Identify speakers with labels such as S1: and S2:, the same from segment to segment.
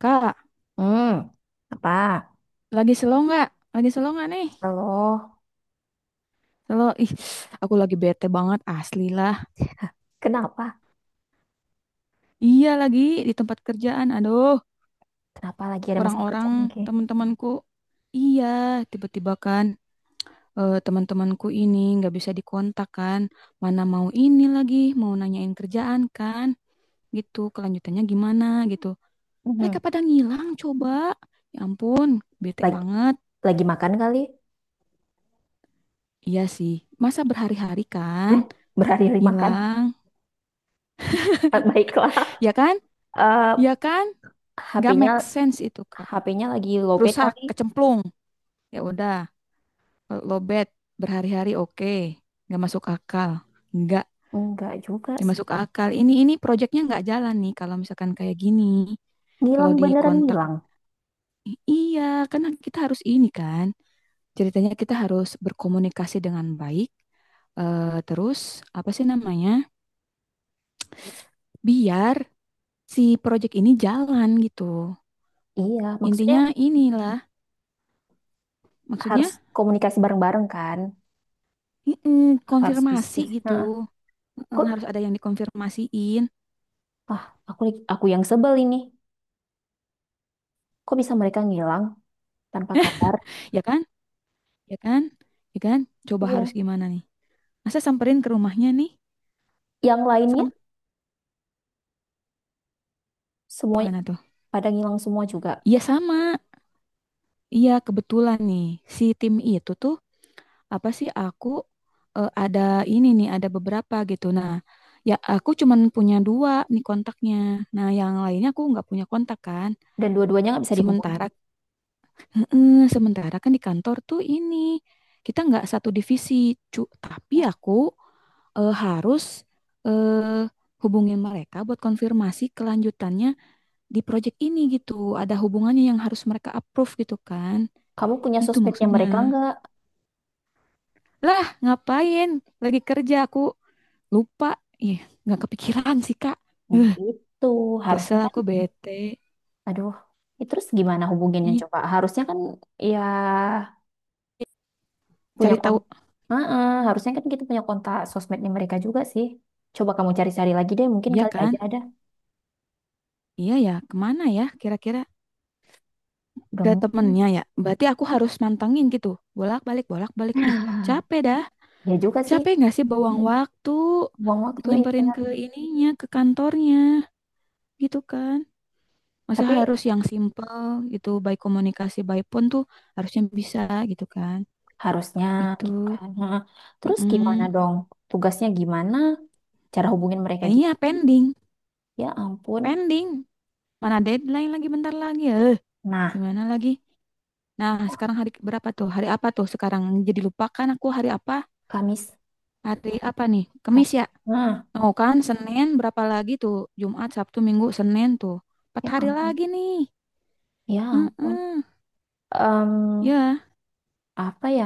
S1: Kak,
S2: Hmm, apa?
S1: lagi slow nggak? Lagi slow nggak nih?
S2: Halo,
S1: Slow, ih, aku lagi bete banget, asli lah.
S2: kenapa?
S1: Iya lagi di tempat kerjaan, aduh,
S2: Kenapa lagi ada masalah
S1: orang-orang
S2: kerjaan lagi?
S1: teman-temanku, iya, tiba-tiba kan teman-temanku ini nggak bisa dikontak kan, mana mau ini lagi, mau nanyain kerjaan kan, gitu, kelanjutannya gimana gitu. Mereka
S2: Mhm.
S1: pada ngilang, coba. Ya ampun, bete
S2: Lagi,
S1: banget.
S2: lagi makan kali?
S1: Iya sih, masa berhari-hari kan,
S2: Hah? Berhari-hari makan?
S1: ngilang,
S2: Ah, baiklah.
S1: ya kan?
S2: Eh,
S1: Ya kan? Nggak
S2: HP-nya
S1: make sense itu, Kak.
S2: HP-nya lagi lowbat
S1: Rusak,
S2: kali?
S1: kecemplung. Ya udah, lobet berhari-hari oke, nggak masuk akal. Nggak,
S2: Enggak juga
S1: nggak
S2: sih.
S1: masuk akal. Ini proyeknya nggak jalan nih kalau misalkan kayak gini. Kalau
S2: Ngilang
S1: di
S2: beneran
S1: kontak,
S2: ngilang.
S1: iya kan kita harus ini kan. Ceritanya kita harus berkomunikasi dengan baik. Terus apa sih namanya? Biar si proyek ini jalan gitu.
S2: Iya, maksudnya
S1: Intinya inilah,
S2: harus
S1: maksudnya
S2: komunikasi bareng-bareng kan? Harus
S1: konfirmasi
S2: diskusi. Nah,
S1: gitu. Heeh,
S2: kok
S1: harus ada yang dikonfirmasiin,
S2: ah, aku aku yang sebel ini. Kok bisa mereka ngilang tanpa kabar?
S1: ya kan? Ya kan? Ya kan? Coba harus
S2: Iya.
S1: gimana nih? Masa samperin ke rumahnya nih?
S2: Yang lainnya
S1: Sampai
S2: semuanya
S1: gimana tuh?
S2: pada ngilang semua juga.
S1: Iya sama. Iya kebetulan nih si tim itu tuh apa sih aku ada ini nih ada beberapa gitu. Nah, ya aku cuman punya dua nih kontaknya. Nah, yang lainnya aku nggak punya kontak kan.
S2: Dan dua-duanya nggak bisa dihubungi.
S1: Sementara Heeh, sementara kan di kantor tuh ini kita nggak satu divisi, cu. Tapi
S2: Ya.
S1: aku harus eh, hubungin mereka buat konfirmasi kelanjutannya di project ini gitu. Ada hubungannya yang harus mereka approve gitu kan?
S2: Kamu punya
S1: Itu
S2: sosmednya mereka
S1: maksudnya.
S2: nggak?
S1: Lah, ngapain? Lagi kerja aku lupa. Ih, nggak kepikiran sih, Kak.
S2: Nah,
S1: Eh,
S2: itu harusnya
S1: Kesel
S2: kan,
S1: aku bete.
S2: aduh, ya terus gimana hubunginnya
S1: Ih,
S2: coba? Harusnya kan ya punya
S1: cari
S2: kon,
S1: tahu.
S2: heeh, harusnya kan kita punya kontak sosmednya mereka juga sih. Coba kamu cari-cari lagi deh, mungkin
S1: Iya
S2: kali
S1: kan?
S2: aja ada.
S1: Iya ya, kemana ya kira-kira?
S2: Udah
S1: Ke
S2: mungkin.
S1: temennya ya. Berarti aku harus mantengin gitu. Bolak-balik, bolak-balik. Ih, capek dah.
S2: Ya juga sih,
S1: Capek nggak sih bawang waktu
S2: buang waktu ya
S1: nyamperin
S2: benar.
S1: ke ininya, ke kantornya gitu kan. Masa
S2: Tapi
S1: harus yang simple gitu, baik komunikasi, baik pun tuh harusnya bisa gitu kan.
S2: harusnya gitu
S1: Gitu.
S2: kan. Heeh. Terus gimana
S1: Mm-mm.
S2: dong? Tugasnya gimana? Cara hubungin mereka
S1: Nah iya
S2: gimana?
S1: pending,
S2: Ya ampun.
S1: pending. Mana deadline lagi bentar lagi.
S2: Nah,
S1: Gimana lagi? Nah, sekarang hari berapa tuh? Hari apa tuh sekarang? Jadi lupakan aku hari apa?
S2: Kamis
S1: Hari apa nih?
S2: kan.
S1: Kamis ya?
S2: Nah,
S1: Oh kan, Senin berapa lagi tuh? Jumat, Sabtu, Minggu, Senin tuh. Empat
S2: ya
S1: hari
S2: ampun.
S1: lagi nih.
S2: Ya ampun.
S1: Heeh.
S2: Em,
S1: Ya.
S2: apa ya?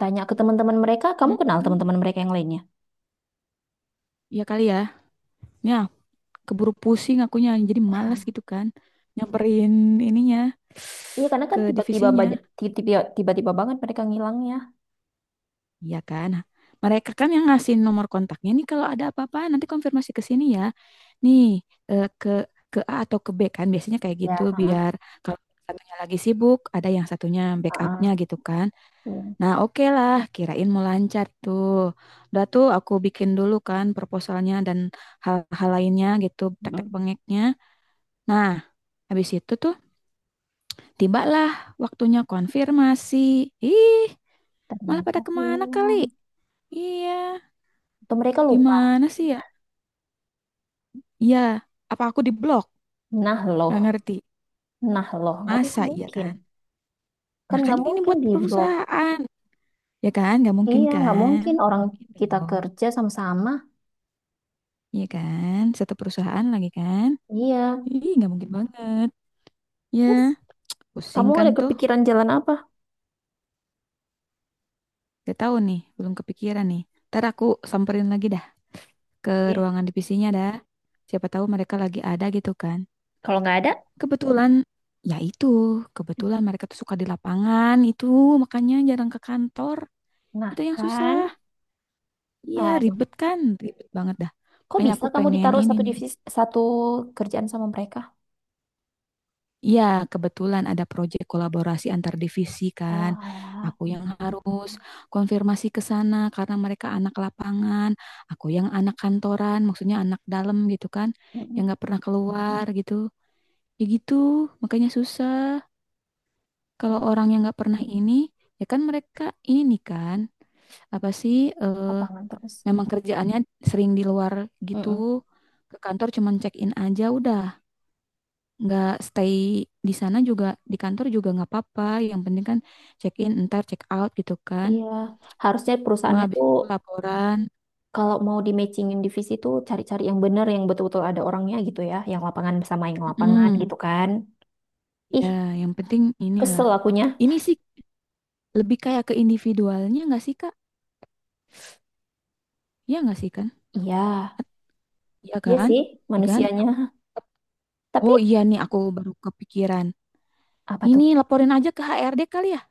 S2: Tanya ke teman-teman mereka, kamu kenal
S1: Heeh.
S2: teman-teman mereka yang lainnya?
S1: Ya kali ya. Ya, keburu pusing akunya. Jadi malas gitu kan. Nyamperin ininya
S2: Iya, karena kan
S1: ke
S2: tiba-tiba banyak,
S1: divisinya.
S2: tiba-tiba, tiba-tiba banget mereka ngilangnya.
S1: Iya kan. Nah, mereka kan yang ngasih nomor kontaknya nih. Kalau ada apa-apa nanti konfirmasi ke sini ya. Nih, ke A atau ke B kan. Biasanya kayak
S2: Ya,
S1: gitu
S2: heeh,
S1: biar kalau satunya lagi sibuk, ada yang satunya backupnya
S2: heeh.
S1: gitu kan.
S2: Iya.
S1: Nah, oke lah, kirain mau lancar tuh. Udah tuh aku bikin dulu kan proposalnya dan hal-hal lainnya gitu, tek-tek
S2: mm
S1: bengeknya. Nah, habis itu tuh tibalah waktunya konfirmasi. Ih, malah
S2: Ternyata
S1: pada kemana kali?
S2: hilang.
S1: Iya,
S2: Atau mereka lupa.
S1: gimana sih ya? Iya, apa aku di blok?
S2: Nah loh,
S1: Gak ngerti.
S2: nah loh, nggak ada- nggak
S1: Masa iya
S2: mungkin.
S1: kan?
S2: Kan
S1: Nah kan
S2: nggak
S1: ini
S2: mungkin
S1: buat
S2: di blok.
S1: perusahaan. Ya kan? Gak mungkin
S2: Iya, nggak
S1: kan?
S2: mungkin
S1: Gak
S2: orang
S1: mungkin
S2: kita
S1: dong.
S2: kerja sama-sama.
S1: Iya kan? Satu perusahaan lagi kan?
S2: Iya.
S1: Ih, gak mungkin banget. Ya,
S2: Terus
S1: pusing
S2: kamu
S1: kan
S2: ada
S1: tuh.
S2: kepikiran jalan apa?
S1: Gak tahu nih, belum kepikiran nih. Ntar aku samperin lagi dah ke
S2: Iya.
S1: ruangan divisinya dah. Siapa tahu mereka lagi ada gitu kan.
S2: Kalau nggak ada,
S1: Kebetulan, ya itu. Kebetulan mereka tuh suka di lapangan itu. Makanya jarang ke kantor.
S2: nah
S1: Itu yang susah.
S2: kan.
S1: Iya,
S2: Aduh,
S1: ribet kan. Ribet banget dah.
S2: kok
S1: Makanya
S2: bisa
S1: aku
S2: kamu
S1: pengen
S2: ditaruh
S1: ini
S2: satu
S1: nih.
S2: divisi satu kerjaan sama mereka?
S1: Iya, kebetulan ada proyek kolaborasi antar divisi
S2: Oh,
S1: kan.
S2: alah.
S1: Aku yang harus konfirmasi ke sana karena mereka anak lapangan, aku yang anak kantoran, maksudnya anak dalam gitu kan, yang
S2: Mm-mm.
S1: nggak pernah keluar gitu. Ya gitu, makanya susah.
S2: Ya,
S1: Kalau orang yang nggak pernah ini, ya kan mereka ini kan apa sih? eh,
S2: lapangan terus.
S1: Memang kerjaannya sering di luar gitu.
S2: Mm-mm.
S1: Ke kantor cuman check in aja udah nggak stay di sana juga di kantor juga nggak apa-apa yang penting kan check in ntar check out gitu kan
S2: Iya, harusnya
S1: kalau
S2: perusahaannya
S1: habis
S2: tuh
S1: itu laporan.
S2: kalau mau di matchingin divisi tuh cari-cari yang bener yang betul-betul ada orangnya gitu ya, yang lapangan sama yang lapangan
S1: mm,
S2: gitu kan. Ih,
S1: Ya yang penting inilah,
S2: kesel akunya.
S1: ini sih lebih kayak ke individualnya nggak sih kak, ya nggak sih kan,
S2: Iya,
S1: ya
S2: iya
S1: kan,
S2: sih
S1: ya kan.
S2: manusianya. Tapi
S1: Oh iya nih aku baru kepikiran,
S2: apa tuh?
S1: ini laporin aja ke HRD kali ya,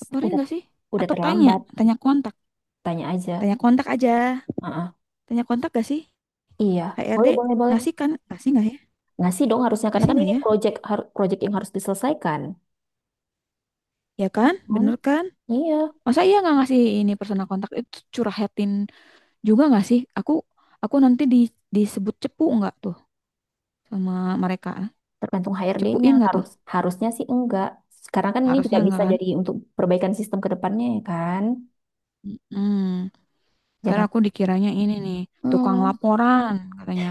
S1: laporin
S2: Udah
S1: nggak sih,
S2: udah
S1: atau tanya,
S2: terlambat,
S1: tanya kontak,
S2: tanya aja.
S1: tanya kontak aja,
S2: Heeh.
S1: tanya kontak gak sih
S2: Iya,
S1: HRD
S2: boleh boleh boleh.
S1: ngasih kan, ngasih nggak ya,
S2: Ngasih dong harusnya karena
S1: ngasih
S2: kan
S1: nggak
S2: ini
S1: ya,
S2: project har- project yang harus diselesaikan.
S1: ya kan
S2: Kan?
S1: bener kan.
S2: Iya,
S1: Masa iya nggak ngasih ini personal kontak itu curhatin juga nggak sih? Aku nanti disebut cepu nggak tuh sama mereka?
S2: tergantung HRD-nya.
S1: Cepuin nggak tuh?
S2: Harusnya sih enggak. Sekarang kan ini juga
S1: Harusnya nggak
S2: bisa
S1: kan?
S2: jadi untuk perbaikan sistem ke depannya ya kan.
S1: Hmm, ntar
S2: Jangan
S1: aku dikiranya ini nih tukang
S2: hmm,
S1: laporan katanya,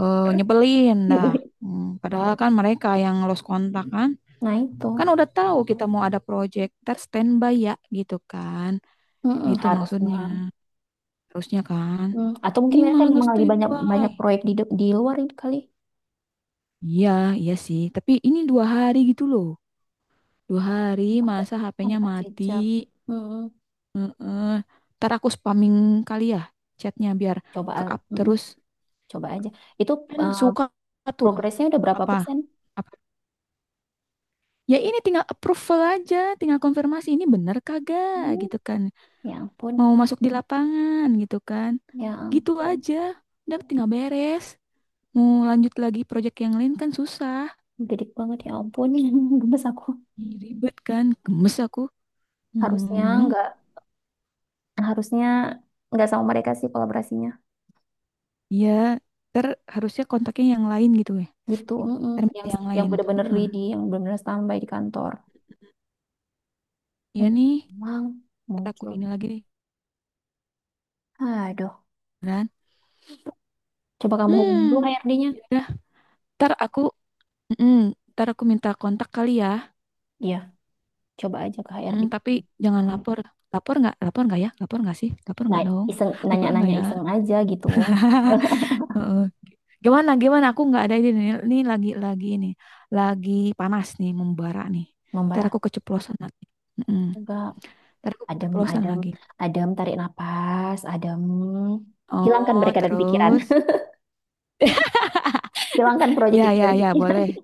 S1: nyebelin
S2: ya
S1: dah.
S2: boleh.
S1: Hmm, padahal kan mereka yang lost kontak kan,
S2: Nah itu
S1: kan udah tahu kita mau ada project, ntar standby ya gitu kan,
S2: mm-mm,
S1: itu
S2: harusnya.
S1: maksudnya harusnya kan.
S2: Hmm, atau
S1: Ini
S2: mungkin mereka
S1: malah nggak
S2: memang lagi banyak
S1: standby.
S2: banyak proyek di de- di luar ini kali.
S1: Iya, iya sih. Tapi ini dua hari gitu loh. Dua hari
S2: Ada
S1: masa
S2: ada
S1: HP-nya
S2: Pak
S1: mati.
S2: Cecep. Mm-mm,
S1: Heeh. Ntar aku spamming kali ya chatnya biar
S2: coba
S1: ke
S2: al-
S1: up
S2: mm-mm,
S1: terus.
S2: coba aja. Itu
S1: Kan
S2: eh,
S1: suka tuh.
S2: progresnya udah berapa
S1: Apa?
S2: persen?
S1: Apa? Ya ini tinggal approval aja. Tinggal konfirmasi ini bener kagak
S2: Hmm,
S1: gitu kan.
S2: ya ampun.
S1: Mau masuk di lapangan gitu kan.
S2: Ya
S1: Gitu
S2: ampun.
S1: aja. Udah tinggal beres. Mau lanjut lagi project yang lain kan susah.
S2: Gedik banget ya ampun, gemes aku.
S1: Ih, ribet kan. Gemes aku.
S2: Harusnya
S1: Hmm.
S2: nggak, harusnya nggak sama mereka sih kolaborasinya.
S1: Iya, ter harusnya kontaknya yang lain gitu ya.
S2: Gitu, mm-mm.
S1: Ter
S2: Yang
S1: minta yang
S2: yang
S1: lain.
S2: bener-bener
S1: Heeh.
S2: ready, yang bener-bener standby di kantor.
S1: Iya
S2: Ini
S1: nih,
S2: emang
S1: ntar aku
S2: muncul.
S1: ini lagi nih.
S2: Aduh,
S1: Beneran.
S2: coba kamu hubungi dulu
S1: Hmm.
S2: HRD-nya.
S1: Ya udah, ntar aku mm, ntar aku minta kontak kali ya.
S2: Iya, coba aja ke
S1: Mm,
S2: HRD.
S1: tapi jangan lapor. Lapor nggak? Lapor nggak ya? Lapor nggak sih? Lapor
S2: Nah,
S1: nggak dong?
S2: iseng
S1: Lapor nggak
S2: nanya-nanya
S1: ya?
S2: iseng aja gitu.
S1: Heeh. Gimana? Gimana? Aku nggak ada ide nih. Ini lagi ini. Lagi panas nih, membara nih.
S2: Ngombar
S1: Ntar
S2: aku
S1: aku keceplosan lagi. Mm,
S2: enggak.
S1: Ntar aku
S2: Adem,
S1: keceplosan
S2: adem,
S1: lagi.
S2: adem, tarik napas, adem. Hilangkan
S1: Oh,
S2: mereka dari pikiran.
S1: terus?
S2: Hilangkan proyek
S1: Ya,
S2: itu dari
S1: ya, ya,
S2: pikiran.
S1: boleh.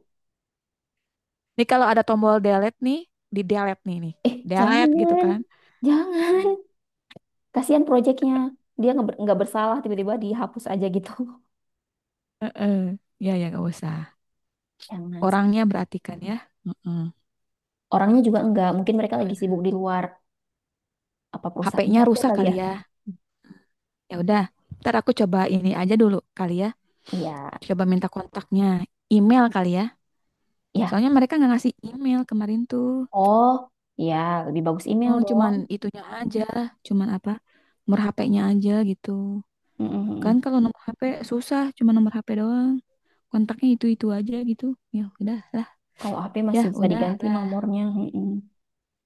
S1: Nih kalau ada tombol delete nih, di delete nih nih.
S2: Eh,
S1: Delete gitu
S2: jangan.
S1: kan.
S2: Jangan. Kasihan proyeknya. Dia nggak ber- nggak bersalah tiba-tiba dihapus aja gitu.
S1: Heeh. Ya, ya, gak usah.
S2: Jangan. Sih.
S1: Orangnya berarti kan ya. Heeh.
S2: Orangnya juga enggak. Mungkin mereka lagi sibuk di luar. Apa perusahaannya
S1: HP-nya
S2: aja
S1: rusak
S2: kali ya?
S1: kali ya. Ya udah, ntar aku coba ini aja dulu kali ya.
S2: Iya.
S1: Coba minta kontaknya, email kali ya.
S2: Ya.
S1: Soalnya mereka nggak ngasih email kemarin tuh.
S2: Oh. Ya. Lebih bagus email
S1: Oh,
S2: dong.
S1: cuman itunya aja, cuman apa? Nomor HP-nya aja gitu. Kan
S2: Mm-mm-mm.
S1: kalau nomor HP susah, cuma nomor HP doang. Kontaknya itu-itu aja gitu. Ya udah.
S2: Kalau HP masih
S1: Ya,
S2: bisa
S1: udah
S2: diganti
S1: lah.
S2: nomornya. Mm-mm.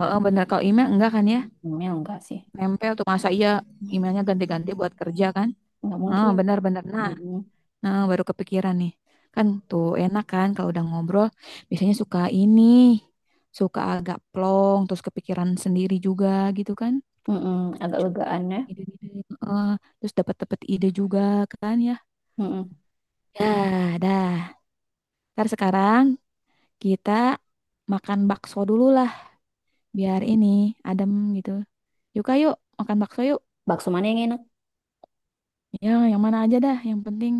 S1: Oh, bener. Kalau email enggak kan ya?
S2: Email enggak sih.
S1: Nempel tuh. Masa iya
S2: Mm.
S1: emailnya ganti-ganti buat kerja kan?
S2: Enggak
S1: Oh,
S2: mungkin.
S1: benar-benar. Nah,
S2: Mm-mm.
S1: nah, baru kepikiran nih. Kan tuh enak kan kalau udah ngobrol. Biasanya suka ini. Suka agak plong. Terus kepikiran sendiri juga gitu kan.
S2: Mm-mm. Agak
S1: Cu-
S2: legaan ya.
S1: Ide-ide. Heeh. Terus dapat-dapat ide juga kan ya.
S2: Mm-mm.
S1: Ya, dah. Ntar sekarang kita makan bakso dulu lah. Biar ini adem gitu. Yuk, yuk. Makan bakso yuk.
S2: Bakso mana yang enak?
S1: Ya, yang mana aja dah. Yang penting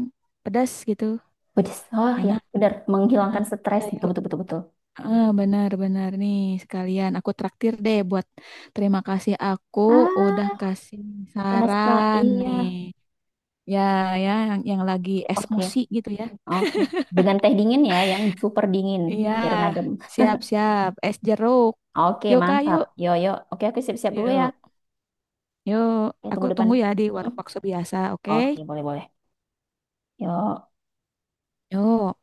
S1: pedas gitu.
S2: Pedes. Oh ya.
S1: Enak.
S2: Benar.
S1: Nah,
S2: Menghilangkan stres.
S1: udah yuk.
S2: Betul-betul. Betul-betul.
S1: Ah, benar-benar nih sekalian. Aku traktir deh buat terima kasih aku udah
S2: Ah.
S1: kasih
S2: Panas, Pak.
S1: saran
S2: Iya.
S1: nih. Ya, ya yang lagi
S2: Oke. Oke.
S1: esmosi gitu ya.
S2: Oke, dengan teh dingin ya, yang super dingin,
S1: Iya,
S2: biar ngadem.
S1: siap-siap. Es jeruk.
S2: Oke,
S1: Yuk, Kak,
S2: mantap.
S1: yuk.
S2: Yo, yo. Oke, aku siap-siap dulu ya.
S1: Yuk, yuk.
S2: Ya,
S1: Aku
S2: tunggu depan.
S1: tunggu ya di
S2: Mm-mm.
S1: warung bakso biasa, oke?
S2: Oke, boleh, boleh. Yo.
S1: Yuk.